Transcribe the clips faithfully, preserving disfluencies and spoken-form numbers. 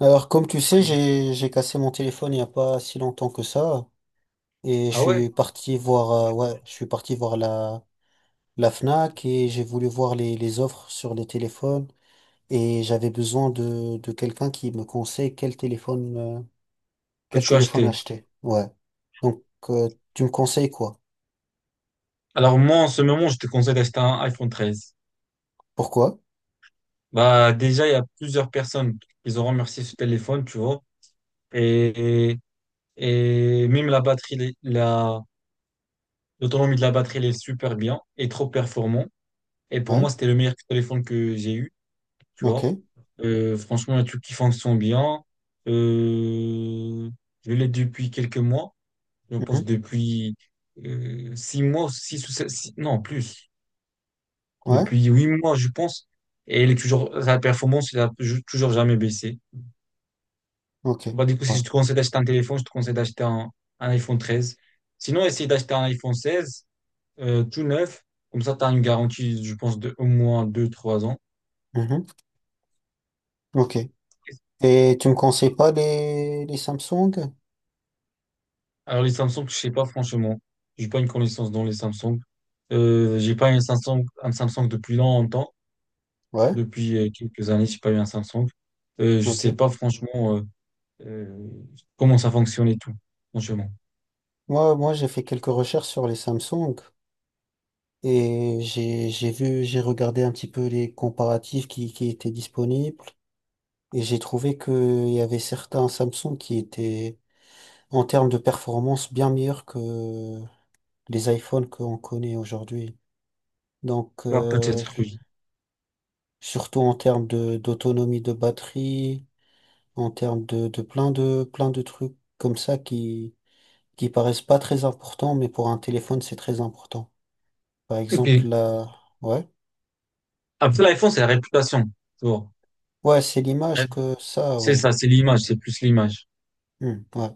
Alors, comme tu sais, Oui. j'ai j'ai cassé mon téléphone il n'y a pas si longtemps que ça, et je Ah ouais, suis parti voir, euh, ouais, je suis parti voir la la Fnac et j'ai voulu voir les les offres sur les téléphones et j'avais besoin de de quelqu'un qui me conseille quel téléphone euh, que quel tu as téléphone acheté. acheter. Ouais. Donc, euh, tu me conseilles quoi? Alors moi, en ce moment, je te conseille d'acheter un iPhone treize. Pourquoi? Bah déjà, il y a plusieurs personnes qui ont remercié ce téléphone, tu vois. Et, et et même la batterie, elle la, l'autonomie de la batterie, elle est super bien et trop performant. Et pour Ouais. moi, c'était le meilleur téléphone que j'ai eu, tu Ok. vois. Euh, franchement, il y a des trucs qui fonctionnent bien. Euh, je l'ai depuis quelques mois. Je pense Mhm. depuis euh, six mois, six ou sept, six- non, plus. Ouais. Depuis huit mois, je pense. Et elle est toujours, sa performance, elle a ju- toujours jamais baissé. Ok. Bah, du coup, si Ouais. je te conseille d'acheter un téléphone, je te conseille d'acheter un, un iPhone treize. Sinon, essaye d'acheter un iPhone seize, euh, tout neuf. Comme ça, tu as une garantie, je pense, de au moins deux trois ans. Mhm. Ok. Et tu me conseilles pas les les Samsung? Alors, les Samsung, je sais pas, franchement. J'ai pas une connaissance dans les Samsung. Euh, j'ai pas eu un Samsung, un Samsung depuis longtemps. Ouais. Depuis euh, quelques années, j'ai pas eu un Samsung. Euh, je Ok. sais pas, franchement, euh, euh, comment ça fonctionne et tout, franchement. Moi, moi, j'ai fait quelques recherches sur les Samsung et j'ai, j'ai vu, j'ai regardé un petit peu les comparatifs qui, qui étaient disponibles et j'ai trouvé qu'il y avait certains Samsung qui étaient, en termes de performance, bien meilleurs que les iPhones qu'on connaît aujourd'hui. Donc, Ah, euh, peut-être, oui. surtout en termes de, d'autonomie de batterie, en termes de, de plein de, plein de trucs comme ça qui, qui paraissent pas très importants, mais pour un téléphone, c'est très important. Par exemple, Ok. la, ouais. Après, l'iPhone, c'est la réputation, tu vois. Ouais, c'est Ouais. l'image que ça, C'est ouais. ça, c'est l'image, c'est plus l'image. Hmm, ouais.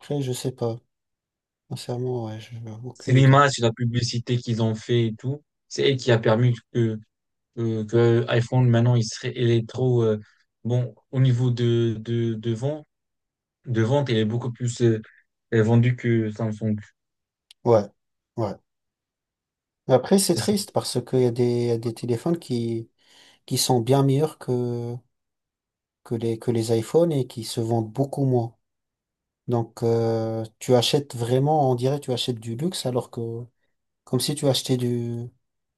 Après, je sais pas. Sincèrement, ouais, j'ai C'est aucune idée. l'image, c'est la publicité qu'ils ont fait et tout. C'est elle qui a permis que, que, que iPhone, maintenant, il serait, il est trop, euh, bon, au niveau de, de, de vente, de vente, il est beaucoup plus euh, euh, vendu que Samsung. Ouais, ouais. Mais après, c'est C'est ça. triste parce qu'il y a des, y a des téléphones qui, qui sont bien meilleurs que, que les, que les iPhones et qui se vendent beaucoup moins. Donc, euh, tu achètes vraiment, on dirait, tu achètes du luxe alors que, comme si tu achetais du,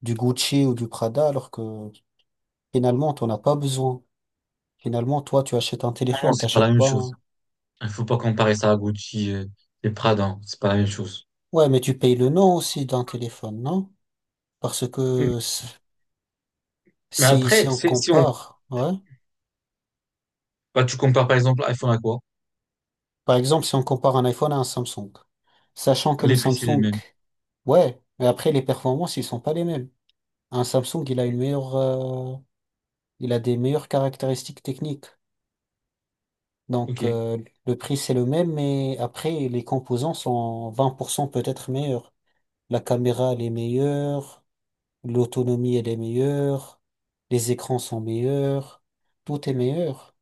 du Gucci ou du Prada alors que finalement, t'en as pas besoin. Finalement, toi, tu achètes un Non, non, téléphone, c'est pas la t'achètes même pas chose. un... Il faut pas comparer ça à Gucci, euh, et Prada, hein. C'est pas la même chose. Ouais, mais tu payes le nom aussi d'un téléphone, non? Parce Mm. que s- Mais si, si après, on c'est- si on, compare, ouais, bah, tu compares par exemple iPhone à quoi? par exemple, si on compare un iPhone à un Samsung, sachant que le Les prix, c'est les Samsung, mêmes. ouais, mais après les performances, ils sont pas les mêmes. Un Samsung, il a une meilleure, euh, il a des meilleures caractéristiques techniques. Ok. Donc, euh, le prix, c'est le même, mais après, les composants sont vingt pour cent peut-être meilleurs. La caméra, elle est meilleure, l'autonomie, elle est meilleure, les écrans sont meilleurs, tout est meilleur.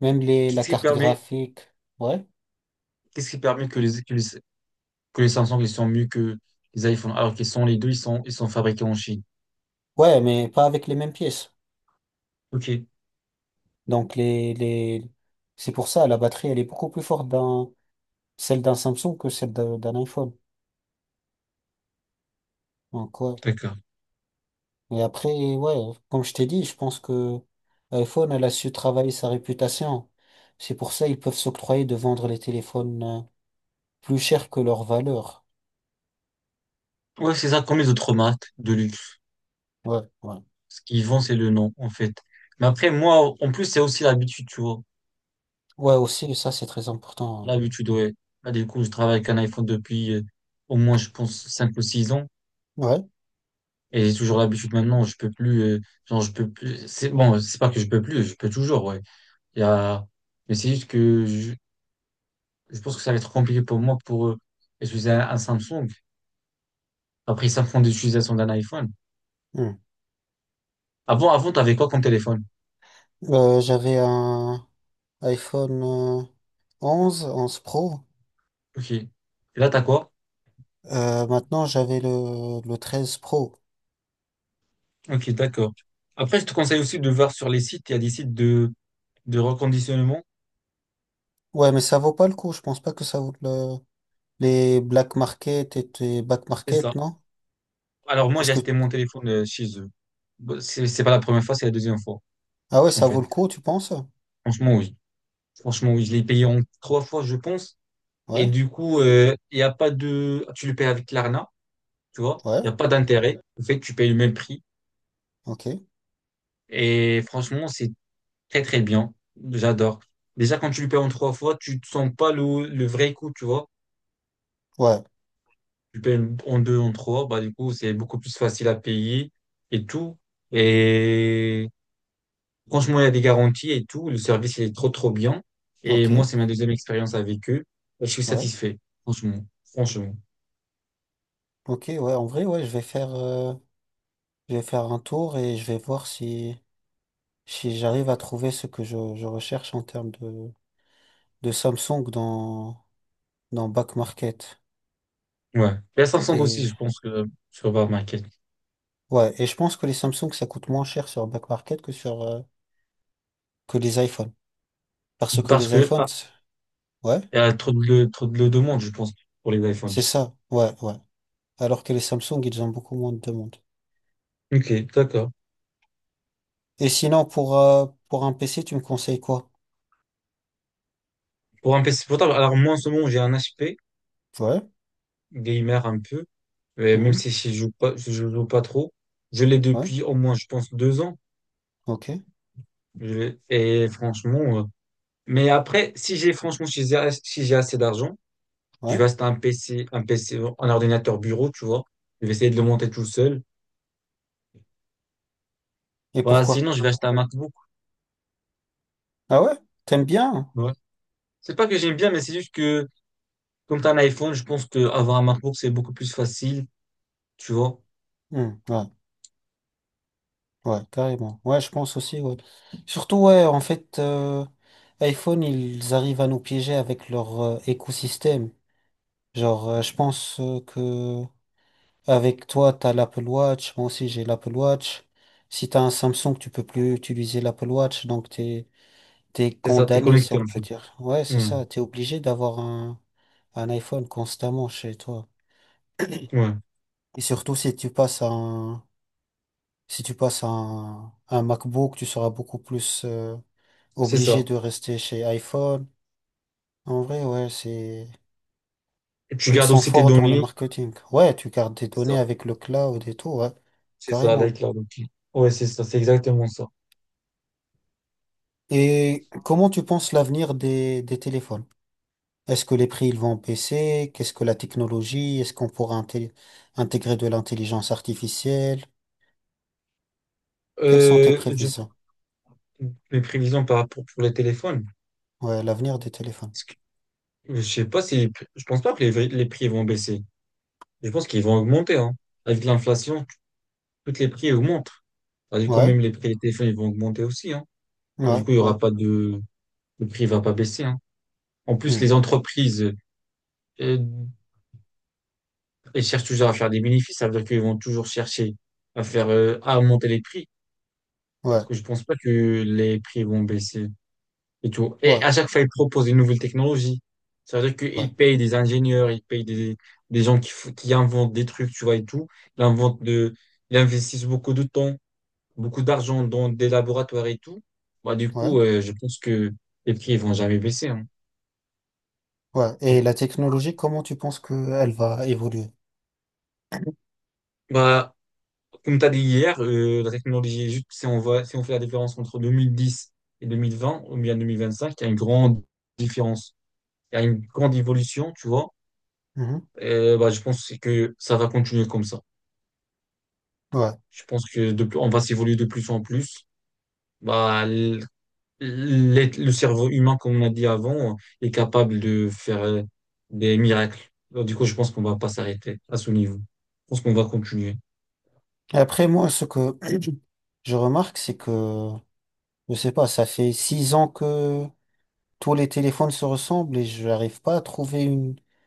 Même les, la Qu'est-ce qui carte permet, graphique. Ouais. qu'est-ce qui permet que les, que les, que les Samsung ils sont mieux que les iPhones alors qu'ils sont les deux, ils sont, ils sont fabriqués en Chine. Ouais, mais pas avec les mêmes pièces. Ok, Donc les, les... c'est pour ça, la batterie, elle est beaucoup plus forte dans celle d'un Samsung que celle d'un d'un iPhone. Donc ouais. d'accord. Et après, ouais, comme je t'ai dit, je pense que iPhone, elle a su travailler sa réputation. C'est pour ça ils peuvent s'octroyer de vendre les téléphones euh, plus chers que leur valeur. Ouais, c'est ça, comme les autres marques de luxe. Ouais, ouais. Ce qu'ils vendent, c'est le nom, en fait. Mais après, moi, en plus, c'est aussi l'habitude, tu vois. Ouais, aussi, ça, c'est très important. L'habitude, ouais. Là, du coup, je travaille avec un iPhone depuis euh, au moins, je pense, cinq ou six ans. Ouais. Et j'ai toujours l'habitude maintenant, je peux plus, euh, genre, je peux plus, c'est bon, c'est pas que je peux plus, je peux toujours, ouais. Il y a, mais c'est juste que je, je pense que ça va être compliqué pour moi pour euh, utiliser un, un Samsung. Après, ça prend l'utilisation d'un iPhone. Hmm. Avant, avant, t'avais quoi comme téléphone? Euh, j'avais un... iPhone euh, onze 11 Pro. Ok. Et là, t'as quoi? Euh, maintenant, j'avais le, le treize Pro. Ok, d'accord. Après, je te conseille aussi de voir sur les sites. Il y a des sites de, de reconditionnement. Ouais, mais ça vaut pas le coup. Je pense pas que ça vaut le, les Black Market et les Back C'est Market, ça. non? Alors, moi, Est-ce j'ai que, acheté mon téléphone euh, chez eux. Bon, C'est, c'est pas la première fois, c'est la deuxième fois, ah ouais, en ça vaut fait. le coup, tu penses? Franchement, oui. Franchement, oui. Je l'ai payé en trois fois, je pense. Et Ouais, du coup, euh, il y a pas de, tu le payes avec l'Arna, tu vois. ouais, Il n'y a pas d'intérêt. En fait, tu payes le même prix. ok, Et franchement, c'est très, très bien. J'adore. Déjà, quand tu lui payes en trois fois, tu ne sens pas le, le vrai coût, tu vois. ouais, Tu payes en deux, en trois, bah, du coup, c'est beaucoup plus facile à payer et tout. Et franchement, il y a des garanties et tout. Le service, il est trop, trop bien. Et ok, moi, c'est ma deuxième expérience avec eux. Et je suis ouais, satisfait, franchement. Franchement. ok, ouais, en vrai, ouais, je vais faire, euh, je vais faire un tour et je vais voir si, si j'arrive à trouver ce que je, je recherche en termes de, de Samsung dans, dans Back Market. Ouais. Et à Samsung aussi, Et, je pense que sur Market. ouais, et je pense que les Samsung, ça coûte moins cher sur Back Market que sur euh, que les iPhones. Parce que Parce les que, iPhones, ah, c'est- ouais, il y a trop de, trop de demande, je pense, pour les c'est iPhones. ça, ouais, ouais. Alors que les Samsung, ils ont beaucoup moins de demandes. Ok, d'accord. Et sinon, pour, euh, pour un P C, tu me conseilles quoi? Pour un P C portable, alors moi, en ce moment, j'ai un H P, Ouais, gamer un peu. Euh, même mhm, si je joue pas, je joue pas trop. Je l'ai ouais, depuis au moins, je pense, deux ans. ok, Je l'ai- et franchement, euh, mais après, si j'ai franchement, si j'ai si j'ai assez d'argent, je vais ouais. acheter un P C, un P C, un ordinateur bureau, tu vois. Je vais essayer de le monter tout seul. Et Voilà, pourquoi? sinon, je vais acheter un MacBook. Ah ouais? T'aimes bien? Ouais. C'est pas que j'aime bien, mais c'est juste que, comme t'as un iPhone, je pense que avoir un MacBook, c'est beaucoup plus facile, tu vois. Hmm, ouais, ouais, carrément. Ouais, je pense aussi, ouais. Surtout, ouais, en fait, euh, iPhone, ils arrivent à nous piéger avec leur euh, écosystème. Genre, euh, je pense euh, que avec toi, t'as l'Apple Watch. Moi aussi, j'ai l'Apple Watch. Si t'as un Samsung, tu peux plus utiliser l'Apple Watch. Donc, t'es, t'es C'est ça, t'es condamné, si connecté on en peut fait. dire. Ouais, c'est Ouais, ça. T'es obligé d'avoir un, un iPhone constamment chez toi. ouais, Et surtout, si tu passes à un, si tu passes à un, un MacBook, tu seras beaucoup plus, euh, c'est obligé ça. de rester chez iPhone. En vrai, ouais, c'est, Et tu ils gardes sont aussi tes forts dans le données. marketing. Ouais, tu gardes des C'est données ça, avec le cloud et tout, ouais. c'est ça, Carrément. l'iCloud. Ok. Ouais, c'est ça, c'est exactement ça. Et comment tu penses l'avenir des, des téléphones? Est-ce que les prix ils vont baisser? Qu'est-ce que la technologie? Est-ce qu'on pourra inté- intégrer de l'intelligence artificielle? Quelles sont tes Euh, je- prévisions? mes prévisions par rapport pour les téléphones. Ouais, l'avenir des téléphones. Parce que je sais pas si, je pense pas que les, les prix vont baisser. Je pense qu'ils vont augmenter, hein, avec l'inflation. Toutes les prix augmentent. Bah, du coup, Ouais, même les prix des téléphones, ils vont augmenter aussi, hein. Bah, ouais, du coup, il y ouais, aura pas de, le prix va pas baisser, hein. En plus, hmm, les entreprises, euh, elles cherchent toujours à faire des bénéfices. Ça veut dire qu'ils vont toujours chercher à faire, euh, à monter les prix. Bah, du ouais, coup, je pense pas que les prix vont baisser et tout. Et ouais, à chaque fois, ils proposent une nouvelle technologie. Ça veut dire ouais, qu'ils payent des ingénieurs, ils payent des, des gens qui, f- qui inventent des trucs, tu vois, et tout. Ils inventent de, ils investissent beaucoup de temps, beaucoup d'argent dans des laboratoires et tout. Bah, du ouais, coup, euh, je pense que les prix ils vont jamais baisser, hein. ouais. Et la technologie, comment tu penses qu'elle va évoluer? Bah, comme tu as dit hier, euh, la technologie, juste si on voit, si on fait la différence entre deux mille dix et deux mille vingt, ou bien deux mille vingt-cinq, il y a une grande différence. Il y a une grande évolution, tu vois. Mhm, Euh, bah, je pense que ça va continuer comme ça. ouais. Je pense que de plus- on va s'évoluer de plus en plus. Bah, l- l'être- le cerveau humain, comme on a dit avant, est capable de faire euh, des miracles. Alors, du coup, je pense qu'on va pas s'arrêter à ce niveau. Je pense qu'on va continuer. Et après, moi, ce que je remarque, c'est que, je sais pas, ça fait six ans que tous les téléphones se ressemblent et je n'arrive pas à trouver une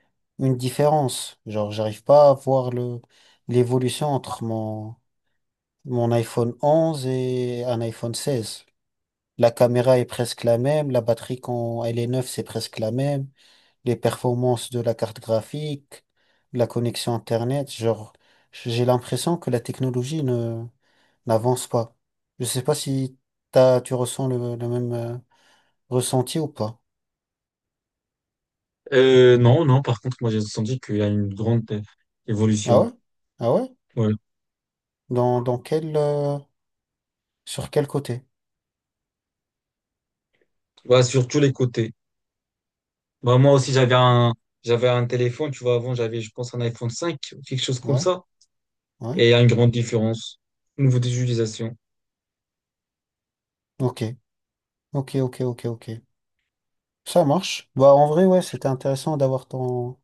différence. Genre, j'arrive pas à voir le, l'évolution entre mon, mon iPhone onze et un iPhone seize. La caméra est presque la même, la batterie quand elle est neuve, c'est presque la même, les performances de la carte graphique, la connexion Internet, genre, j'ai l'impression que la technologie ne, n'avance pas. Je sais pas si t'as, tu ressens le, le même euh, ressenti ou pas. Euh, non, non, par contre, moi, j'ai senti qu'il y a une grande euh, Ah évolution. ouais? Ah ouais? Ouais. Dans, dans quel, euh, sur quel côté? Voilà, sur tous les côtés. Bah, moi aussi, j'avais un, j'avais un téléphone, tu vois, avant, j'avais, je pense, un iPhone cinq, quelque chose comme Ouais, ça. ouais. Et il y a une grande différence au niveau des utilisations. Ok, ok, ok, ok, ok. Ça marche. Bah, en vrai, ouais, c'était intéressant d'avoir ton,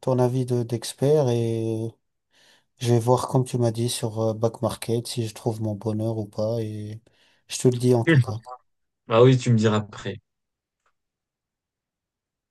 ton avis de, d'expert et je vais voir, comme tu m'as dit, sur euh, Back Market si je trouve mon bonheur ou pas et je te le dis en tout cas. Bah oui, tu me diras après.